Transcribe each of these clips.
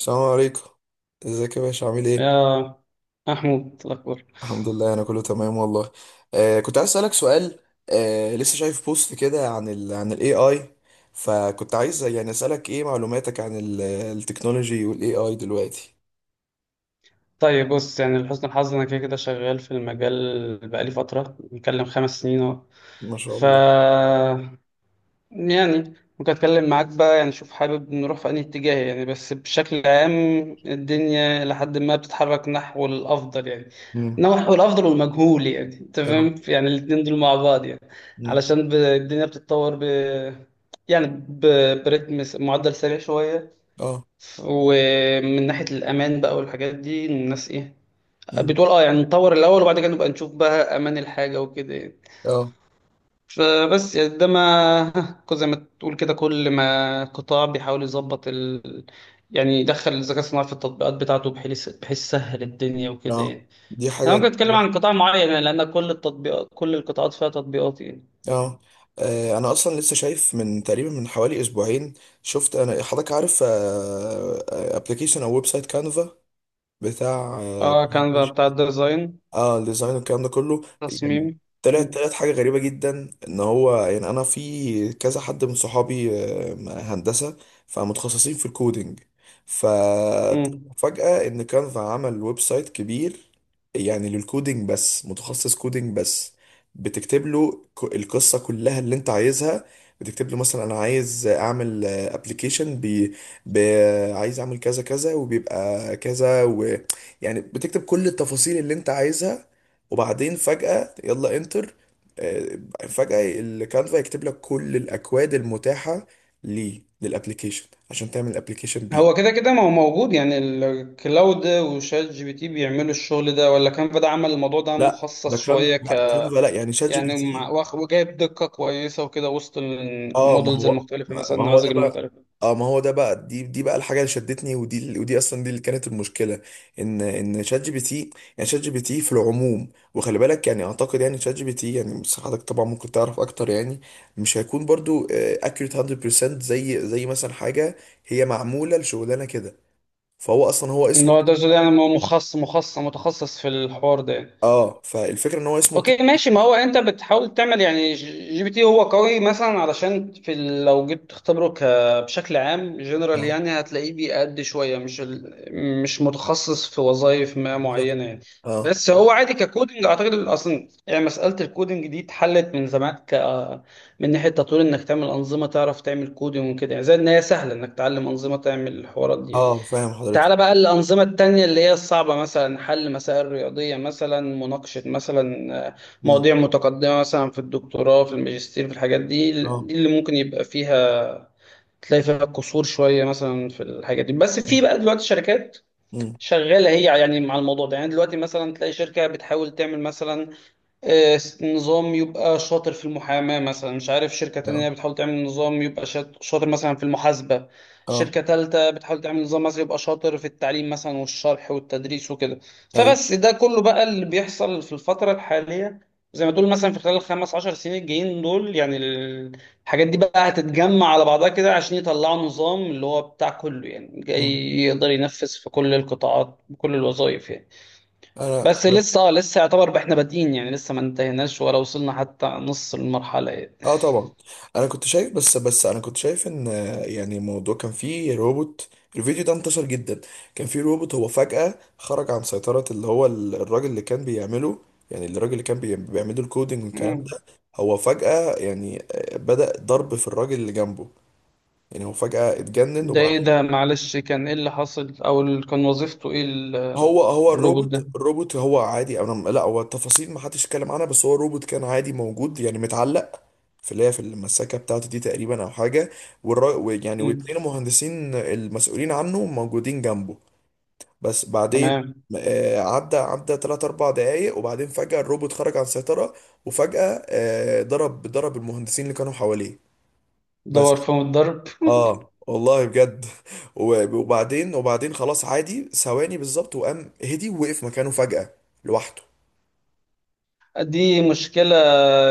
السلام عليكم. ازيك يا باشا، عامل ايه؟ يا محمود، الأخبار؟ الحمد لله، انا كله تمام والله. كنت عايز اسالك سؤال. لسه شايف بوست كده عن عن الاي اي، فكنت عايز يعني اسالك ايه معلوماتك عن التكنولوجي والاي اي دلوقتي؟ طيب بص، لحسن الحظ أنا كده كده شغال في المجال بقالي فترة، بنتكلم خمس سنين أهو. ما شاء ف الله. يعني ممكن أتكلم معاك بقى، يعني شوف حابب نروح في أنهي اتجاه. يعني بس بشكل عام الدنيا لحد ما بتتحرك نحو الأفضل يعني، امم. نحو الأفضل والمجهول. يعني أنت اه. فاهم، يعني الاتنين دول مع بعض يعني. امم. علشان الدنيا بتتطور يعني برتم معدل سريع شوية. اه. ومن ناحية الأمان بقى والحاجات دي، الناس إيه امم. بتقول؟ أه، يعني نطور الأول وبعد كده نبقى نشوف بقى أمان الحاجة وكده يعني. اه. فبس يعني ده ما زي ما تقول كده، كل ما قطاع بيحاول يظبط يعني يدخل الذكاء الصناعي في التطبيقات بتاعته بحيث بحيث سهل الدنيا وكده اه، يعني. دي أنا حاجه ممكن دي أتكلم حاجه عن قطاع معين، يعني لأن كل التطبيقات، كل القطاعات فيها تطبيقات يعني. اه، انا اصلا لسه شايف من تقريبا من حوالي اسبوعين، شفت انا حضرتك عارف ابلكيشن او ويب سايت كانفا بتاع. أه، كان بقى بتاع الديزاين، اه، الديزاين والكلام ده كله، يعني تصميم. طلعت مم. طلعت حاجه غريبه جدا، ان هو يعني انا في كذا حد من صحابي هندسه، فمتخصصين في الكودينج. مم. ففجاه ان كانفا عمل ويب سايت كبير، يعني للكودينج بس، متخصص كودينج بس. بتكتب له القصه كلها اللي انت عايزها. بتكتب له مثلا انا عايز اعمل ابلكيشن بي، عايز اعمل كذا كذا وبيبقى كذا، يعني بتكتب كل التفاصيل اللي انت عايزها، وبعدين فجأة يلا انتر. آه، فجأة الكانفا يكتب لك كل الاكواد المتاحة ليه للابليكيشن، عشان تعمل الابليكيشن هو بيه. كده كده ما هو موجود، يعني الكلاود وشات جي بي تي بيعملوا الشغل ده، ولا كانفا ده عمل الموضوع ده لا، ده مخصص كانفا، شوية لا كانفا، لا، يعني شات جي بي يعني مع تي. وجايب دقة كويسة وكده وسط اه، ما المودلز هو المختلفة، ما مثلا ما هو النماذج ده بقى. المختلفة. اه، ما هو ده بقى، دي بقى الحاجه اللي شدتني، ودي اصلا دي اللي كانت المشكله، ان شات جي بي تي، يعني شات جي بي تي في العموم، وخلي بالك، يعني اعتقد يعني شات جي بي تي يعني، بس حضرتك طبعا ممكن تعرف اكتر، يعني مش هيكون برضو اكيوريت 100%، زي مثلا حاجه هي معموله لشغلانه كده. فهو اصلا هو ان اسمه. هو ده يعني، هو مخصص متخصص في الحوار ده يعني. اه، فالفكره ان هو اسمه اوكي ماشي، ما هو انت بتحاول تعمل يعني. جي بي تي هو قوي مثلا، علشان في لو جيت تختبره بشكل عام جنرال، اه يعني هتلاقيه بيأدي شويه مش مش متخصص في وظائف ما بالظبط. معينه يعني. اه. بس هو عادي ككودنج، اعتقد اصلا يعني مساله الكودنج دي اتحلت من زمان، من ناحيه تطوير انك تعمل انظمه، تعرف تعمل كودنج وكده يعني. زي ان هي سهله انك تعلم انظمه تعمل الحوارات دي يعني. اه، فاهم حضرتك. تعالى بقى الأنظمة التانية اللي هي الصعبة، مثلا حل مسائل رياضية، مثلا مناقشة مثلا، مم. مواضيع متقدمة مثلا في الدكتوراه، في الماجستير، في الحاجات دي. اه. دي اللي ممكن يبقى فيها، تلاقي فيها قصور شوية مثلا في الحاجات دي. بس في بقى دلوقتي شركات مم. شغالة هي يعني مع الموضوع ده يعني. دلوقتي مثلا تلاقي شركة بتحاول تعمل مثلا، نظام يبقى شاطر في المحاماة مثلا. مش عارف، شركة تانية اه. بتحاول تعمل نظام يبقى شاطر مثلا في المحاسبة. اه. شركة تالتة بتحاول تعمل نظام مثلا يبقى شاطر في التعليم مثلا، والشرح والتدريس وكده. اي. فبس ده كله بقى اللي بيحصل في الفترة الحالية. زي ما تقول مثلا في خلال الخمس عشر سنين الجايين دول يعني، الحاجات دي بقى هتتجمع على بعضها كده عشان يطلعوا نظام اللي هو بتاع كله، يعني جاي مم. يقدر ينفذ في كل القطاعات بكل الوظائف يعني. انا. بس لسه لسه يعتبر احنا بادئين، يعني لسه ما انتهيناش ولا وصلنا حتى نص المرحلة يعني. اه، طبعا. انا كنت شايف، بس انا كنت شايف ان، يعني الموضوع كان فيه روبوت. الفيديو ده انتشر جدا، كان فيه روبوت هو فجأة خرج عن سيطرة اللي هو الراجل اللي كان بيعمله، يعني الراجل اللي كان بيعمله الكودينج والكلام مم. ده. هو فجأة يعني بدأ ضرب في الراجل اللي جنبه، يعني هو فجأة اتجنن ده وبعد. ايه ده؟ معلش، كان ايه اللي حصل او كان وظيفته ايه هو الروبوت الروبوت ده؟ الروبوت هو عادي، انا لا، هو التفاصيل ما حدش اتكلم عنها، بس هو الروبوت كان عادي موجود، يعني متعلق في اللي هي في المساكه بتاعته دي تقريبا او حاجه. يعني واتنين مم. المهندسين المسؤولين عنه موجودين جنبه. بس بعدين تمام. عدى 3 4 دقايق، وبعدين فجأة الروبوت خرج عن السيطرة. وفجأة ضرب المهندسين اللي كانوا حواليه دور بس. فيهم الضرب؟ اه والله بجد وبعدين خلاص، عادي ثواني بالظبط وقام هدي، ووقف مكانه فجأة لوحده. دي مشكلة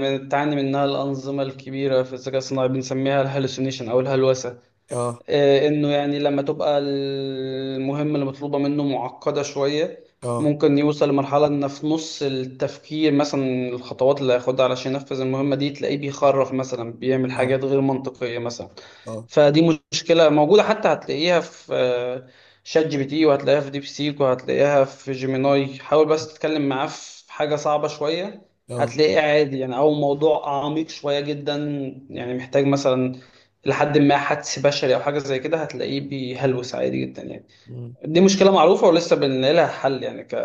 بتعاني منها الأنظمة الكبيرة في الذكاء الصناعي، بنسميها الهلوسينيشن أو الهلوسة. اه، انه يعني لما تبقى المهمة اللي مطلوبة منه معقدة شوية، اه، ممكن يوصل لمرحلة ان في نص التفكير مثلا، الخطوات اللي هياخدها علشان ينفذ المهمة دي، تلاقيه بيخرف مثلا، بيعمل اه، حاجات غير منطقية مثلا. اه، فدي مشكلة موجودة، حتى هتلاقيها في شات جي بي تي، وهتلاقيها في ديب سيك، وهتلاقيها في جيميناي. حاول بس تتكلم معاه في حاجة صعبة شوية، اه، هتلاقيه عادي يعني. أو موضوع عميق شوية جدا، يعني محتاج مثلا لحد ما حدس بشري أو حاجة زي كده، هتلاقيه بيهلوس عادي جدا يعني. مم، دي مشكلة معروفة ولسه بنلاقي لها حل يعني،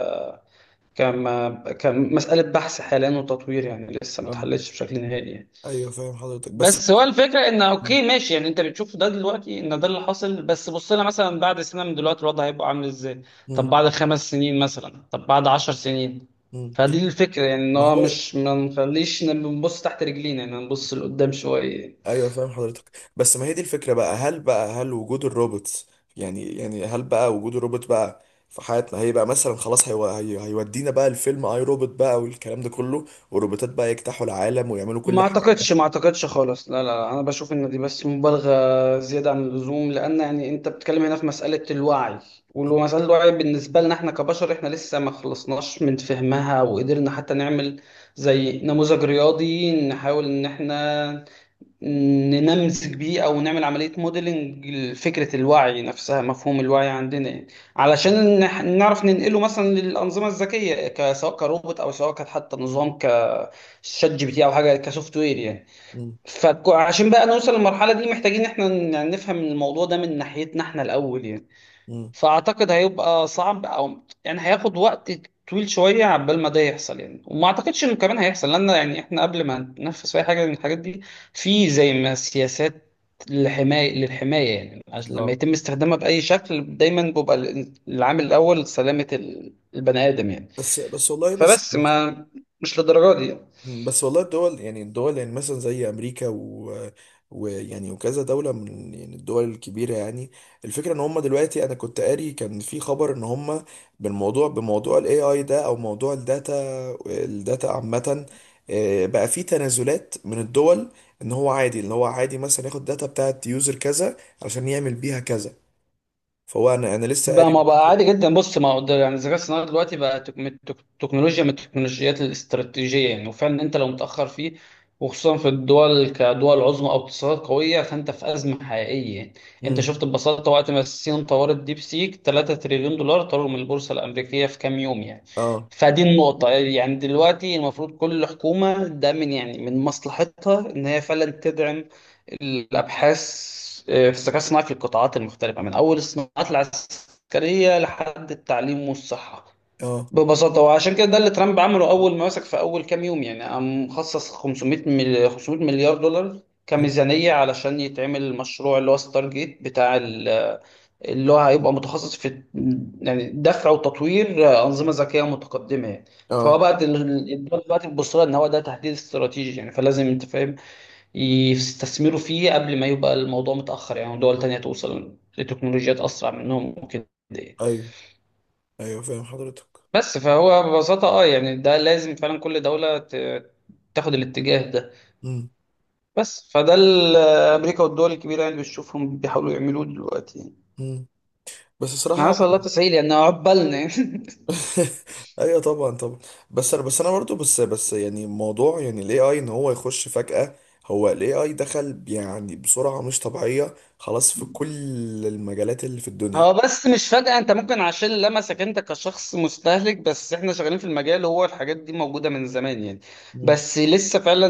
كما كمسألة بحث حاليا وتطوير، يعني لسه ما اه، اتحلتش بشكل نهائي يعني. ايوه فاهم حضرتك، بس. بس هو الفكره ان مم، اوكي ماشي يعني، انت بتشوف ده دلوقتي ان ده اللي حاصل، بس بص لنا مثلا بعد سنه من دلوقتي الوضع هيبقى عامل ازاي؟ طب مم، بعد خمس سنين مثلا؟ طب بعد عشر سنين؟ مم. فدي الفكره يعني، ان ما هو هو مش ما نخليش نبص تحت رجلينا يعني، نبص لقدام شويه. ايوه، فاهم حضرتك، بس ما هي دي الفكرة بقى، هل بقى، هل وجود الروبوتس، يعني هل بقى وجود الروبوت بقى في حياتنا، هيبقى مثلا خلاص هيودينا بقى الفيلم اي روبوت بقى والكلام ده كله، والروبوتات بقى يجتاحوا العالم ويعملوا ما كل حاجة؟ اعتقدش، ما اعتقدش خالص. لا لا لا، انا بشوف ان دي بس مبالغه زياده عن اللزوم، لان يعني انت بتتكلم هنا في مساله الوعي. ومساله الوعي بالنسبه لنا احنا كبشر، احنا لسه ما خلصناش من فهمها وقدرنا حتى نعمل زي نموذج رياضي نحاول ان احنا ننمذج بيه، او نعمل عمليه موديلنج لفكره الوعي نفسها، مفهوم الوعي عندنا يعني. علشان نعرف ننقله مثلا للانظمه الذكيه، سواء كروبوت او سواء كانت حتى نظام كشات جي بي تي او حاجه كسوفت وير يعني. مم. فعشان بقى نوصل للمرحله دي، محتاجين احنا يعني نفهم الموضوع ده من ناحيتنا احنا الاول يعني. مم. فاعتقد هيبقى صعب، او يعني هياخد وقت طويل شويه عبال ما ده يحصل يعني. وما اعتقدش انه كمان هيحصل، لان يعني احنا قبل ما ننفذ اي حاجه من الحاجات دي، في زي ما سياسات للحمايه يعني، عشان لما اه، يتم استخدامها باي شكل دايما بيبقى العامل الاول سلامه البني ادم يعني. بس بس والله، بس فبس ما، مش للدرجه دي. بس والله الدول، يعني الدول، يعني مثلا زي امريكا و ويعني وكذا دولة من، يعني الدول الكبيرة يعني. الفكرة ان هم دلوقتي، انا كنت قاري كان في خبر ان هم بالموضوع، بموضوع الاي اي ده، او موضوع الداتا، الداتا عامة، بقى في تنازلات من الدول، ان هو عادي، ان هو عادي مثلا ياخد داتا بتاعت يوزر كذا عشان يعمل بيها كذا. فهو انا لسه بقى قاري. ما، بقى عادي جدا. بص، ما هو ده يعني الذكاء الصناعي دلوقتي بقى تكنولوجيا من التكنولوجيات الاستراتيجية يعني. وفعلا انت لو متأخر فيه، وخصوصا في الدول كدول عظمى او اقتصادات قوية، فانت في أزمة حقيقية يعني. انت مم. شفت ببساطة وقت ما الصين طورت ديب سيك، 3 تريليون دولار طاروا من البورصة الأمريكية في كام يوم يعني. اه. فدي النقطة يعني، دلوقتي المفروض كل حكومة ده من يعني من مصلحتها ان هي فعلا تدعم الابحاث في الذكاء الصناعي في القطاعات المختلفه، من اول الصناعات العسكريه لحد التعليم والصحه اه. ببساطه. وعشان كده ده اللي ترامب عمله اول ما مسك في اول كام يوم يعني، قام مخصص 500 مليار دولار مم. كميزانيه علشان يتعمل المشروع اللي هو ستار جيت بتاع اللي هو هيبقى متخصص في يعني دفع وتطوير انظمه ذكيه متقدمه يعني. فهو اه. بقى الدول دلوقتي بتبص لها ان هو ده تهديد استراتيجي يعني، فلازم انت فاهم يستثمروا فيه قبل ما يبقى الموضوع متأخر، يعني دول تانية توصل لتكنولوجيات أسرع منهم وكده يعني. ايوه. ايوه، فاهم حضرتك. بس فهو ببساطة اه يعني، ده لازم فعلا كل دولة تاخد الاتجاه ده. مم. بس فده أمريكا والدول الكبيرة يعني بتشوفهم بيحاولوا يعملوه دلوقتي يعني. مم. بس صراحة حسن الله تسهيل يعني، عقبالنا ايوه، طبعا، طبعا. بس انا برضو بس يعني موضوع، يعني الاي اي ان هو يخش فجأة. هو الاي اي دخل يعني بسرعة مش طبيعية خلاص في كل المجالات اللي في الدنيا. هو بس مش فجأة، انت ممكن عشان لمسك انت كشخص مستهلك، بس احنا شغالين في المجال، هو الحاجات دي موجودة من زمان يعني. مم. بس لسه فعلا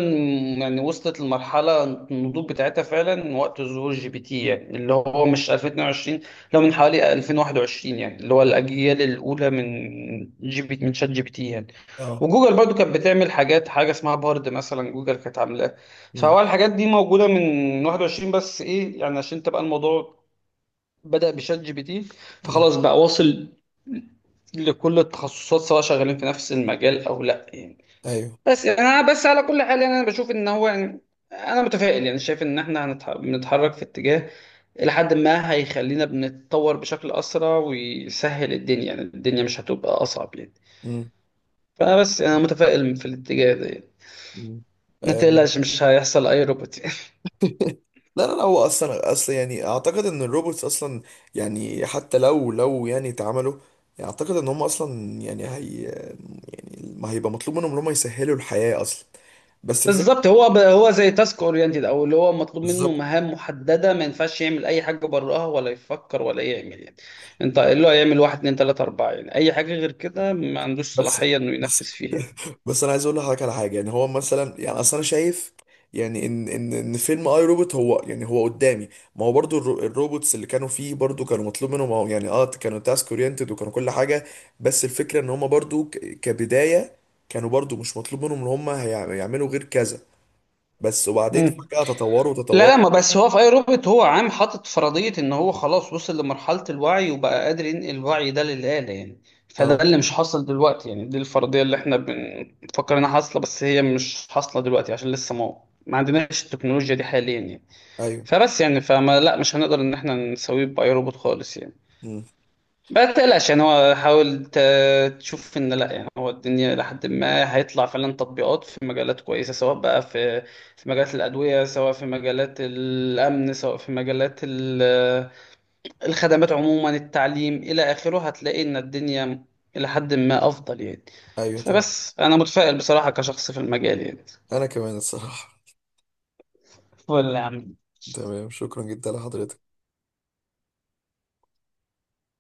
يعني وصلت لمرحلة النضوج بتاعتها فعلا وقت ظهور جي بي تي يعني، اللي هو مش 2022، لو من حوالي 2021 يعني، اللي هو الأجيال الأولى من جي بي، من شات جي بي تي يعني. اه. وجوجل برضو كانت بتعمل حاجات، حاجة اسمها بارد مثلا جوجل كانت عاملاها. مم. فهو الحاجات دي موجودة من 21، بس ايه يعني عشان تبقى الموضوع بدأ بشات جي بي تي، مم. فخلاص بقى واصل لكل التخصصات، سواء شغالين في نفس المجال او لا يعني. ايوه. بس يعني انا، بس على كل حال يعني، انا بشوف ان هو يعني انا متفائل، يعني شايف ان احنا بنتحرك في اتجاه الى حد ما هيخلينا بنتطور بشكل اسرع ويسهل الدنيا، يعني الدنيا مش هتبقى اصعب يعني. مم. فانا بس، انا متفائل في الاتجاه ده يعني. مم. ما آه، تقلقش، مش هيحصل اي روبوت يعني. لا، لا، لا، هو اصلا يعني اعتقد ان الروبوتس اصلا، يعني حتى لو يعني اتعملوا، يعني اعتقد ان هم اصلا يعني، يعني ما هيبقى مطلوب منهم ان هم يسهلوا الحياة اصلا. بس الفكرة. بالظبط، هو زي تاسك اورينتد، او اللي هو مطلوب منه بالظبط. مهام محدده، ما ينفعش يعمل اي حاجه براها، ولا يفكر ولا يعمل يعني. انت اللي هو يعمل واحد اتنين تلاته اربعه يعني، اي حاجه غير كده ما عندوش بس صلاحيه انه ينفذ بس فيها يعني. بس انا عايز اقول لحضرتك على حاجه، يعني هو مثلا، يعني اصل انا شايف، يعني ان ان فيلم اي روبوت، هو يعني هو قدامي. ما هو برضو الروبوتس اللي كانوا فيه برضو كانوا مطلوب منهم، هو يعني اه كانوا تاسك اورينتد وكانوا كل حاجه، بس الفكره ان هم برضو كبدايه كانوا برضو مش مطلوب منهم ان هم يعملوا غير كذا، بس وبعدين مم. فجاه تطوروا لا تطوروا. لا، ما بس هو في اي روبوت هو عام حاطط فرضيه ان هو خلاص وصل لمرحله الوعي، وبقى قادر ينقل الوعي ده للاله يعني. فده اه، اللي مش حاصل دلوقتي يعني، دي الفرضيه اللي احنا بنفكر انها حاصله، بس هي مش حاصله دلوقتي عشان لسه ما عندناش التكنولوجيا دي حاليا يعني. ايوه. فبس يعني فما لا، مش هنقدر ان احنا نسويه باي روبوت خالص يعني. مم. ما تقلقش يعني، هو حاول تشوف ان لا يعني، هو الدنيا لحد ما هيطلع فعلا تطبيقات في مجالات كويسه، سواء بقى في في مجالات الادويه، سواء في مجالات الامن، سواء في مجالات الخدمات عموما، التعليم الى اخره، هتلاقي ان الدنيا الى حد ما افضل يعني. ايوه، تمام. فبس انا متفائل بصراحه كشخص في المجال يعني. انا كمان الصراحه. ولا تمام، شكرا جدا لحضرتك.